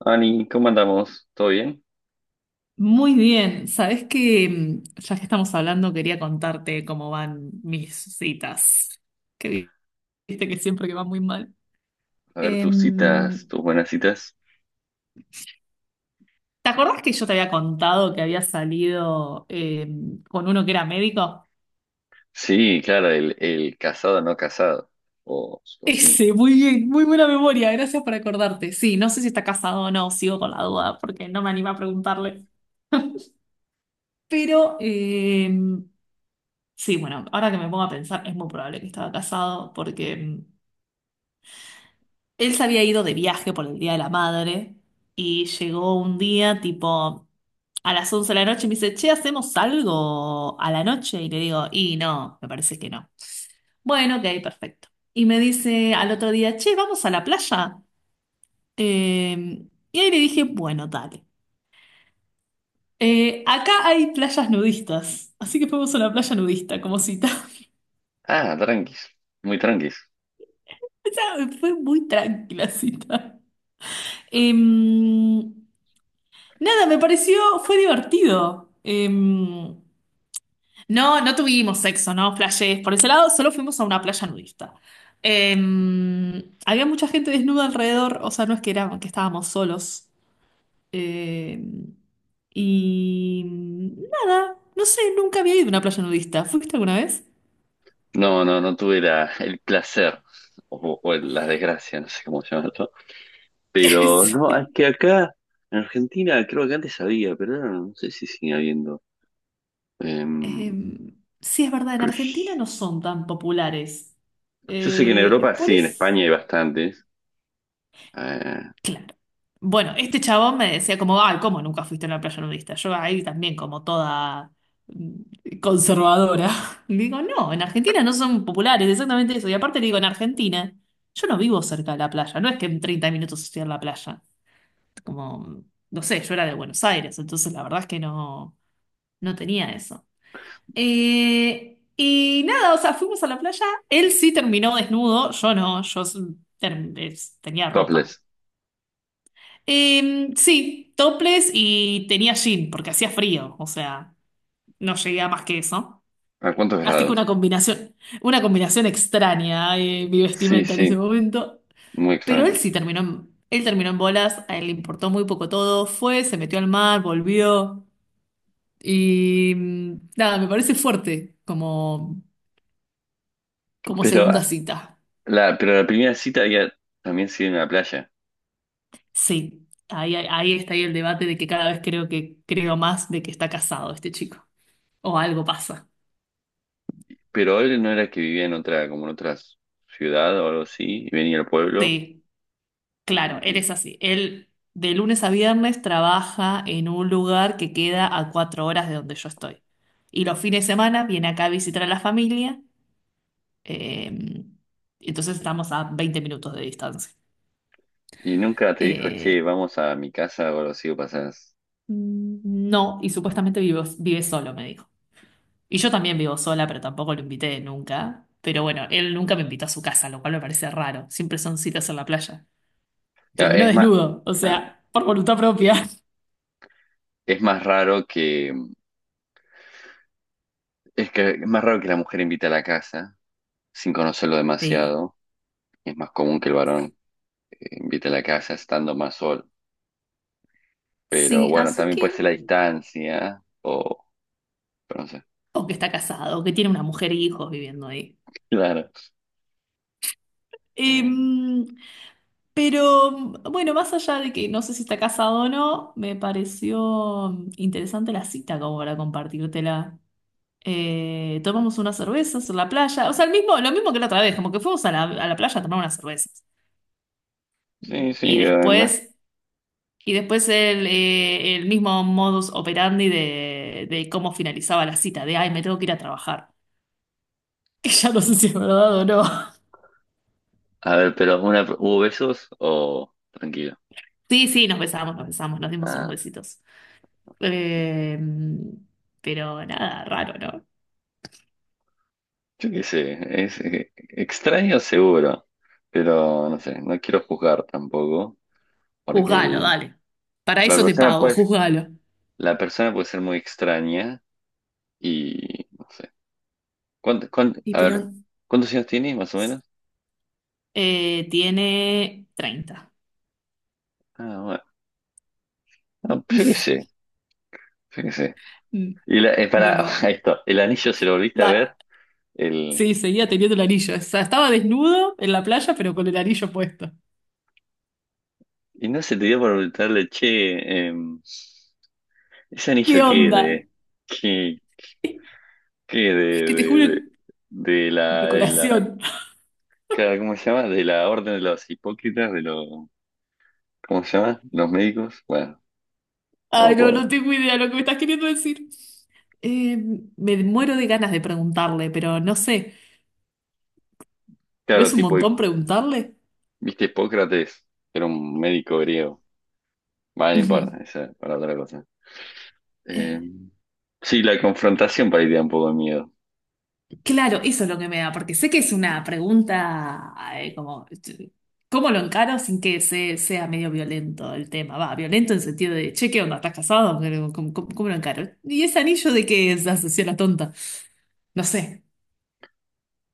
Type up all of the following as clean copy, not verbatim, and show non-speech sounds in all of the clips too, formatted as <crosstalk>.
Ani, ¿cómo andamos? ¿Todo bien? Muy bien, sabes que ya que estamos hablando, quería contarte cómo van mis citas, que viste que siempre que van muy mal. A ver tus Em, citas, tus buenas citas. ¿Te acordás que yo te había contado que había salido con uno que era médico? Sí, claro, el casado no casado. O, <laughs> o sí. Ese, muy bien, muy buena memoria, gracias por acordarte. Sí, no sé si está casado o no, sigo con la duda porque no me anima a preguntarle. Pero sí, bueno, ahora que me pongo a pensar, es muy probable que estaba casado porque él se había ido de viaje por el Día de la Madre y llegó un día tipo a las 11 de la noche y me dice, che, ¿hacemos algo a la noche? Y le digo, y no, me parece que no. Bueno, ok, perfecto. Y me dice al otro día, che, ¿vamos a la playa? Y ahí le dije, bueno, dale. Acá hay playas nudistas, así que fuimos a la playa nudista como cita. <laughs> Ah, tranquis, muy tranquis. O sea, fue muy tranquila cita. Em, Nada, me pareció, fue divertido. No, no tuvimos sexo, no flashés. Por ese lado, solo fuimos a una playa nudista. Había mucha gente desnuda alrededor, o sea, no es que era, que estábamos solos. Em, y nada, no sé, nunca había ido a una playa nudista. ¿Fuiste alguna vez? No, tuve el placer o la desgracia, no sé cómo llamarlo. Pero <laughs> no, es que acá en Argentina creo que antes había, pero ahora no sé si sigue habiendo. Sí. Em, Sí, es verdad, en Argentina pues, no son tan populares. yo sé que en Europa Por sí, en eso. España hay bastantes. Eh, Claro. Bueno, este chabón me decía como, ay, ¿cómo nunca fuiste a una playa nudista? Yo ahí también como toda conservadora. <laughs> Le digo, no, en Argentina no son populares, exactamente eso. Y aparte le digo, en Argentina, yo no vivo cerca de la playa, no es que en 30 minutos estoy en la playa. Como, no sé, yo era de Buenos Aires, entonces la verdad es que no, no tenía eso. Y nada, o sea, fuimos a la playa, él sí terminó desnudo, yo no, yo tenía ropa. topless. Sí, topless y tenía jean porque hacía frío, o sea, no llegué a más que eso. ¿A cuántos Así que grados? Una combinación extraña, mi Sí, vestimenta en sí, ese momento. muy Pero él extraño. sí terminó, él terminó en bolas, a él le importó muy poco todo, fue, se metió al mar, volvió y nada, me parece fuerte como, como Pero segunda cita. Pero la primera cita había también sido en la playa. Sí, ahí está ahí el debate de que cada vez creo que creo más de que está casado este chico o algo pasa. Pero él no era que vivía en otra, como en otra ciudad o algo así, y venía al pueblo. Sí. Claro, él es así. Él de lunes a viernes trabaja en un lugar que queda a 4 horas de donde yo estoy. Y los fines de semana viene acá a visitar a la familia. eh, entonces estamos a 20 minutos de distancia. Y nunca te dijo, che, Eh, vamos a mi casa o algo así, o pasás. no, y supuestamente vive solo, me dijo. Y yo también vivo sola, pero tampoco lo invité nunca. Pero bueno, él nunca me invitó a su casa, lo cual me parece raro. Siempre son citas en la playa. Claro, Terminó es más, desnudo, o claro, sea, por voluntad propia. es más raro que, es que es más raro que la mujer invite a la casa sin conocerlo Sí. demasiado. Es más común que el varón invite a la casa estando más solo. Pero Sí, bueno, así también puede que. ser la distancia, o, pero no sé. O que está casado, o que tiene una mujer y hijos viviendo ahí. Claro. Eh, Em, pero bueno, más allá de que no sé si está casado o no, me pareció interesante la cita como para compartírtela. Tomamos unas cervezas en la playa, o sea, el mismo, lo mismo que la otra vez, como que fuimos a la playa a tomar unas cervezas. sí, sí, Y no. después, y después el mismo modus operandi de cómo finalizaba la cita, de, ay, me tengo que ir a trabajar, <laughs> que ya no sé si es verdad o no. A ver, pero una, ¿hubo besos o tranquilo? Sí, sí, nos besamos, nos besamos, nos dimos unos Ah, besitos. Eh, pero nada, raro, ¿no? yo qué sé, es extraño seguro, pero no sé, no quiero juzgar tampoco, porque Juzgalo, dale. Para la eso te persona pago, puede, juzgalo. la persona puede ser muy extraña y no sé. Y A ver, pero ¿cuántos años tiene más o menos? Tiene 30. Ah, bueno, no, pues yo qué sé, yo qué sé. Mm. Y la, No, para <laughs> no. esto, el anillo se lo volviste a La- ver, el, Sí, seguía teniendo el anillo. O sea, estaba desnudo en la playa, pero con el anillo puesto. y no se te dio por preguntarle, che, ¿ese ¿Qué anillo qué es onda? de... que Es que te de, juro, de, de la, decoración. claro, ¿cómo se llama? De la orden de los hipócritas, de los, ¿cómo se llama? Los médicos, bueno, no me Ay, no, no acuerdo. tengo idea de lo que me estás queriendo decir. Eh, Me muero de ganas de preguntarle, pero no sé. ¿No Claro, es un tipo, montón preguntarle? viste, Hipócrates, era un médico griego. Vale, no importa, Ujú. esa es para otra cosa. Eh, Eh, sí, la confrontación para ir un poco de miedo. claro, eso es lo que me da, porque sé que es una pregunta como, ¿cómo lo encaro sin que sea medio violento el tema? Va, violento en sentido de, che, ¿qué onda? ¿Estás casado? Pero, ¿ cómo lo encaro? ¿Y ese anillo de qué es? Asocié a la tonta. No sé.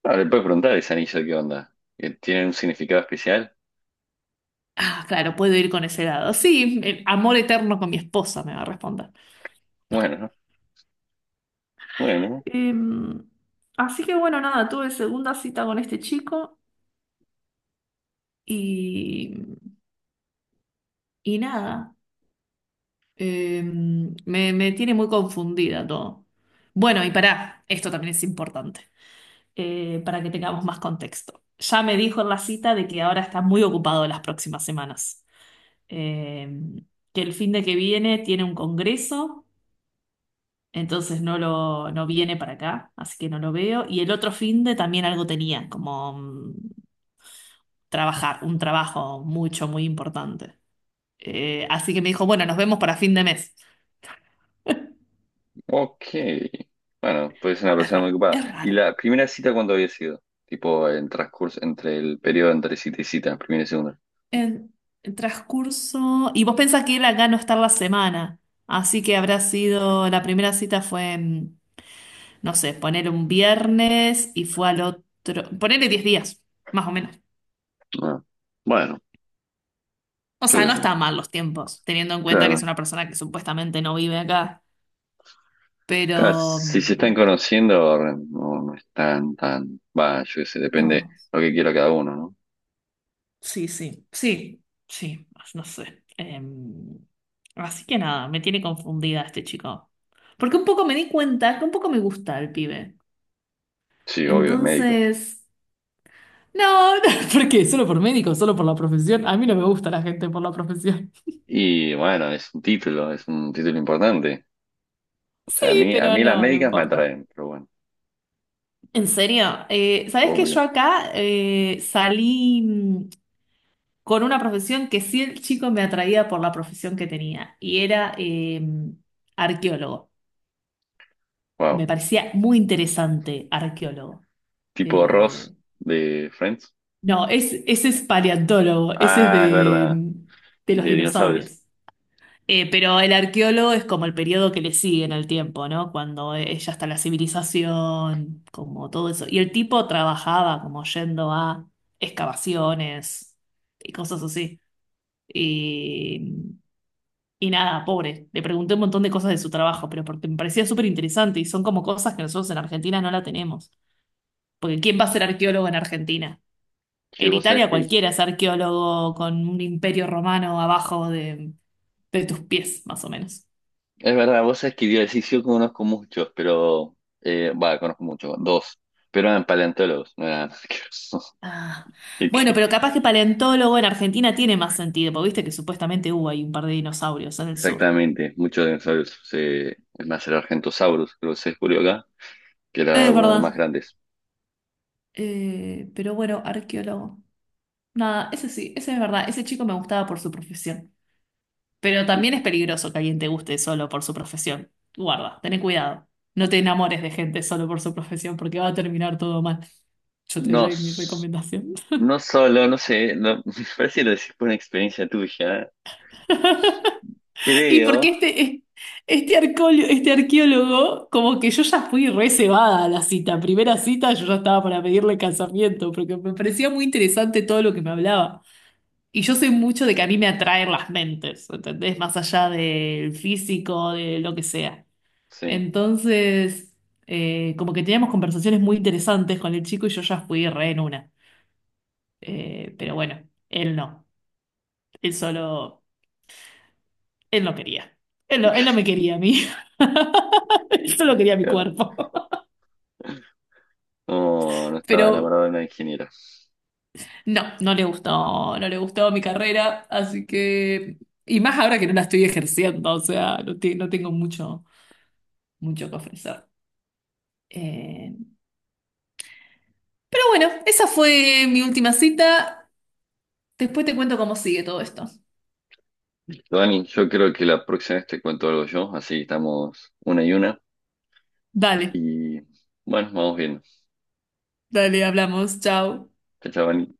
Ah, le puedes preguntar a ese anillo qué onda. ¿Que ¿Tiene un significado especial? Ah, claro, puedo ir con ese lado. Sí, el amor eterno con mi esposa me va a responder. Bueno, ¿no? Bueno. Em, Así que bueno, nada, tuve segunda cita con este chico y, y nada. Eh, Me, me tiene muy confundida todo. Bueno, y pará, esto también es importante, para que tengamos más contexto. Ya me dijo en la cita de que ahora está muy ocupado las próximas semanas. Eh, que el fin de que viene tiene un congreso, entonces no lo, no viene para acá, así que no lo veo. Y el otro fin de también algo tenía, como trabajar, un trabajo mucho, muy importante. Así que me dijo, bueno, nos vemos para fin de mes. Ok. Bueno, pues es una Es persona muy raro, ocupada. es ¿Y raro. la primera cita cuándo había sido? Tipo, en transcurso, entre el periodo entre cita y cita, primera y segunda. En el transcurso. Y vos pensás que él acá no está la semana. Así que habrá sido. La primera cita fue, en, no sé, poner un viernes y fue al otro. Ponerle 10 días, más o menos. Ah, bueno, O yo sea, qué no sé. están mal los tiempos, teniendo en cuenta que es Claro. una persona que supuestamente no vive acá. Claro, Pero. si se están conociendo, no, no están tan. Va, yo qué sé, depende No. lo que quiera cada uno, ¿no? Sí, sí. Sí, sí. No sé. Así que nada, me tiene confundida este chico. Porque un poco me di cuenta que un poco me gusta el pibe. Sí, obvio, es médico. Entonces, no, <laughs> no, ¿por qué? ¿Solo por médico? ¿Solo por la profesión? A mí no me gusta la gente por la profesión. <laughs> Y bueno, es un título importante. O sea, Sí, a pero mí las no, no médicas me importa. atraen, pero bueno, En serio, ¿sabés que yo obvio. acá salí con una profesión que sí el chico me atraía por la profesión que tenía y era arqueólogo. Wow. Me parecía muy interesante arqueólogo. Tipo Ross Eh, de Friends. no, ese es paleontólogo, ese es Ah, es de, verdad. De los De dinosaurios. dinosaurios. Pero el arqueólogo es como el periodo que le sigue en el tiempo, ¿no? Cuando ya está la civilización, como todo eso. Y el tipo trabajaba como yendo a excavaciones y cosas así. Y, y nada, pobre. Le pregunté un montón de cosas de su trabajo, pero porque me parecía súper interesante y son como cosas que nosotros en Argentina no la tenemos. Porque ¿quién va a ser arqueólogo en Argentina? Sí, En vos sabés Italia que, es cualquiera es arqueólogo con un imperio romano abajo de tus pies, más o menos. verdad, vos sabés que yo sí, sí, yo conozco muchos, pero, va, conozco muchos, dos, pero eran paleontólogos, no eran arqueólogos. <laughs> Ah, Así bueno, que, pero capaz que paleontólogo en Argentina tiene más sentido, porque viste que supuestamente hubo ahí un par de dinosaurios en el sur. exactamente, muchos dinosaurios, es más, el Argentosaurus, creo que se descubrió acá, que era Es uno de los más verdad. grandes. Pero bueno, arqueólogo. Nada, ese sí, ese es verdad. Ese chico me gustaba por su profesión. Pero también es peligroso que alguien te guste solo por su profesión. Guarda, tené cuidado. No te enamores de gente solo por su profesión, porque va a terminar todo mal. Yo te No, doy mi s- recomendación. no solo, no sé, <laughs> me parece que lo decís por una experiencia tuya, Y creo, porque este arqueólogo, este arqueólogo, como que yo ya fui re cebada a la cita. Primera cita yo ya estaba para pedirle casamiento, porque me parecía muy interesante todo lo que me hablaba. Y yo soy mucho de que a mí me atraen las mentes, ¿entendés? Más allá del físico, de lo que sea. sí, Entonces, como que teníamos conversaciones muy interesantes con el chico y yo ya fui re en una. Pero bueno, él no. Él solo. Él no quería. Él no me <laughs> quería a mí. <laughs> Él solo quería mi claro, cuerpo. no, no <laughs> estaba Pero enamorado de una ingeniera. no, no le gustó, no le gustó mi carrera, así que... Y más ahora que no la estoy ejerciendo, o sea, no, no tengo mucho, mucho que ofrecer. Eh, pero bueno, esa fue mi última cita. Después te cuento cómo sigue todo esto. Dani, yo creo que la próxima vez te cuento algo yo, así estamos una. Dale, Y bueno, vamos viendo. dale, hablamos, chao. Chao, chao, Dani.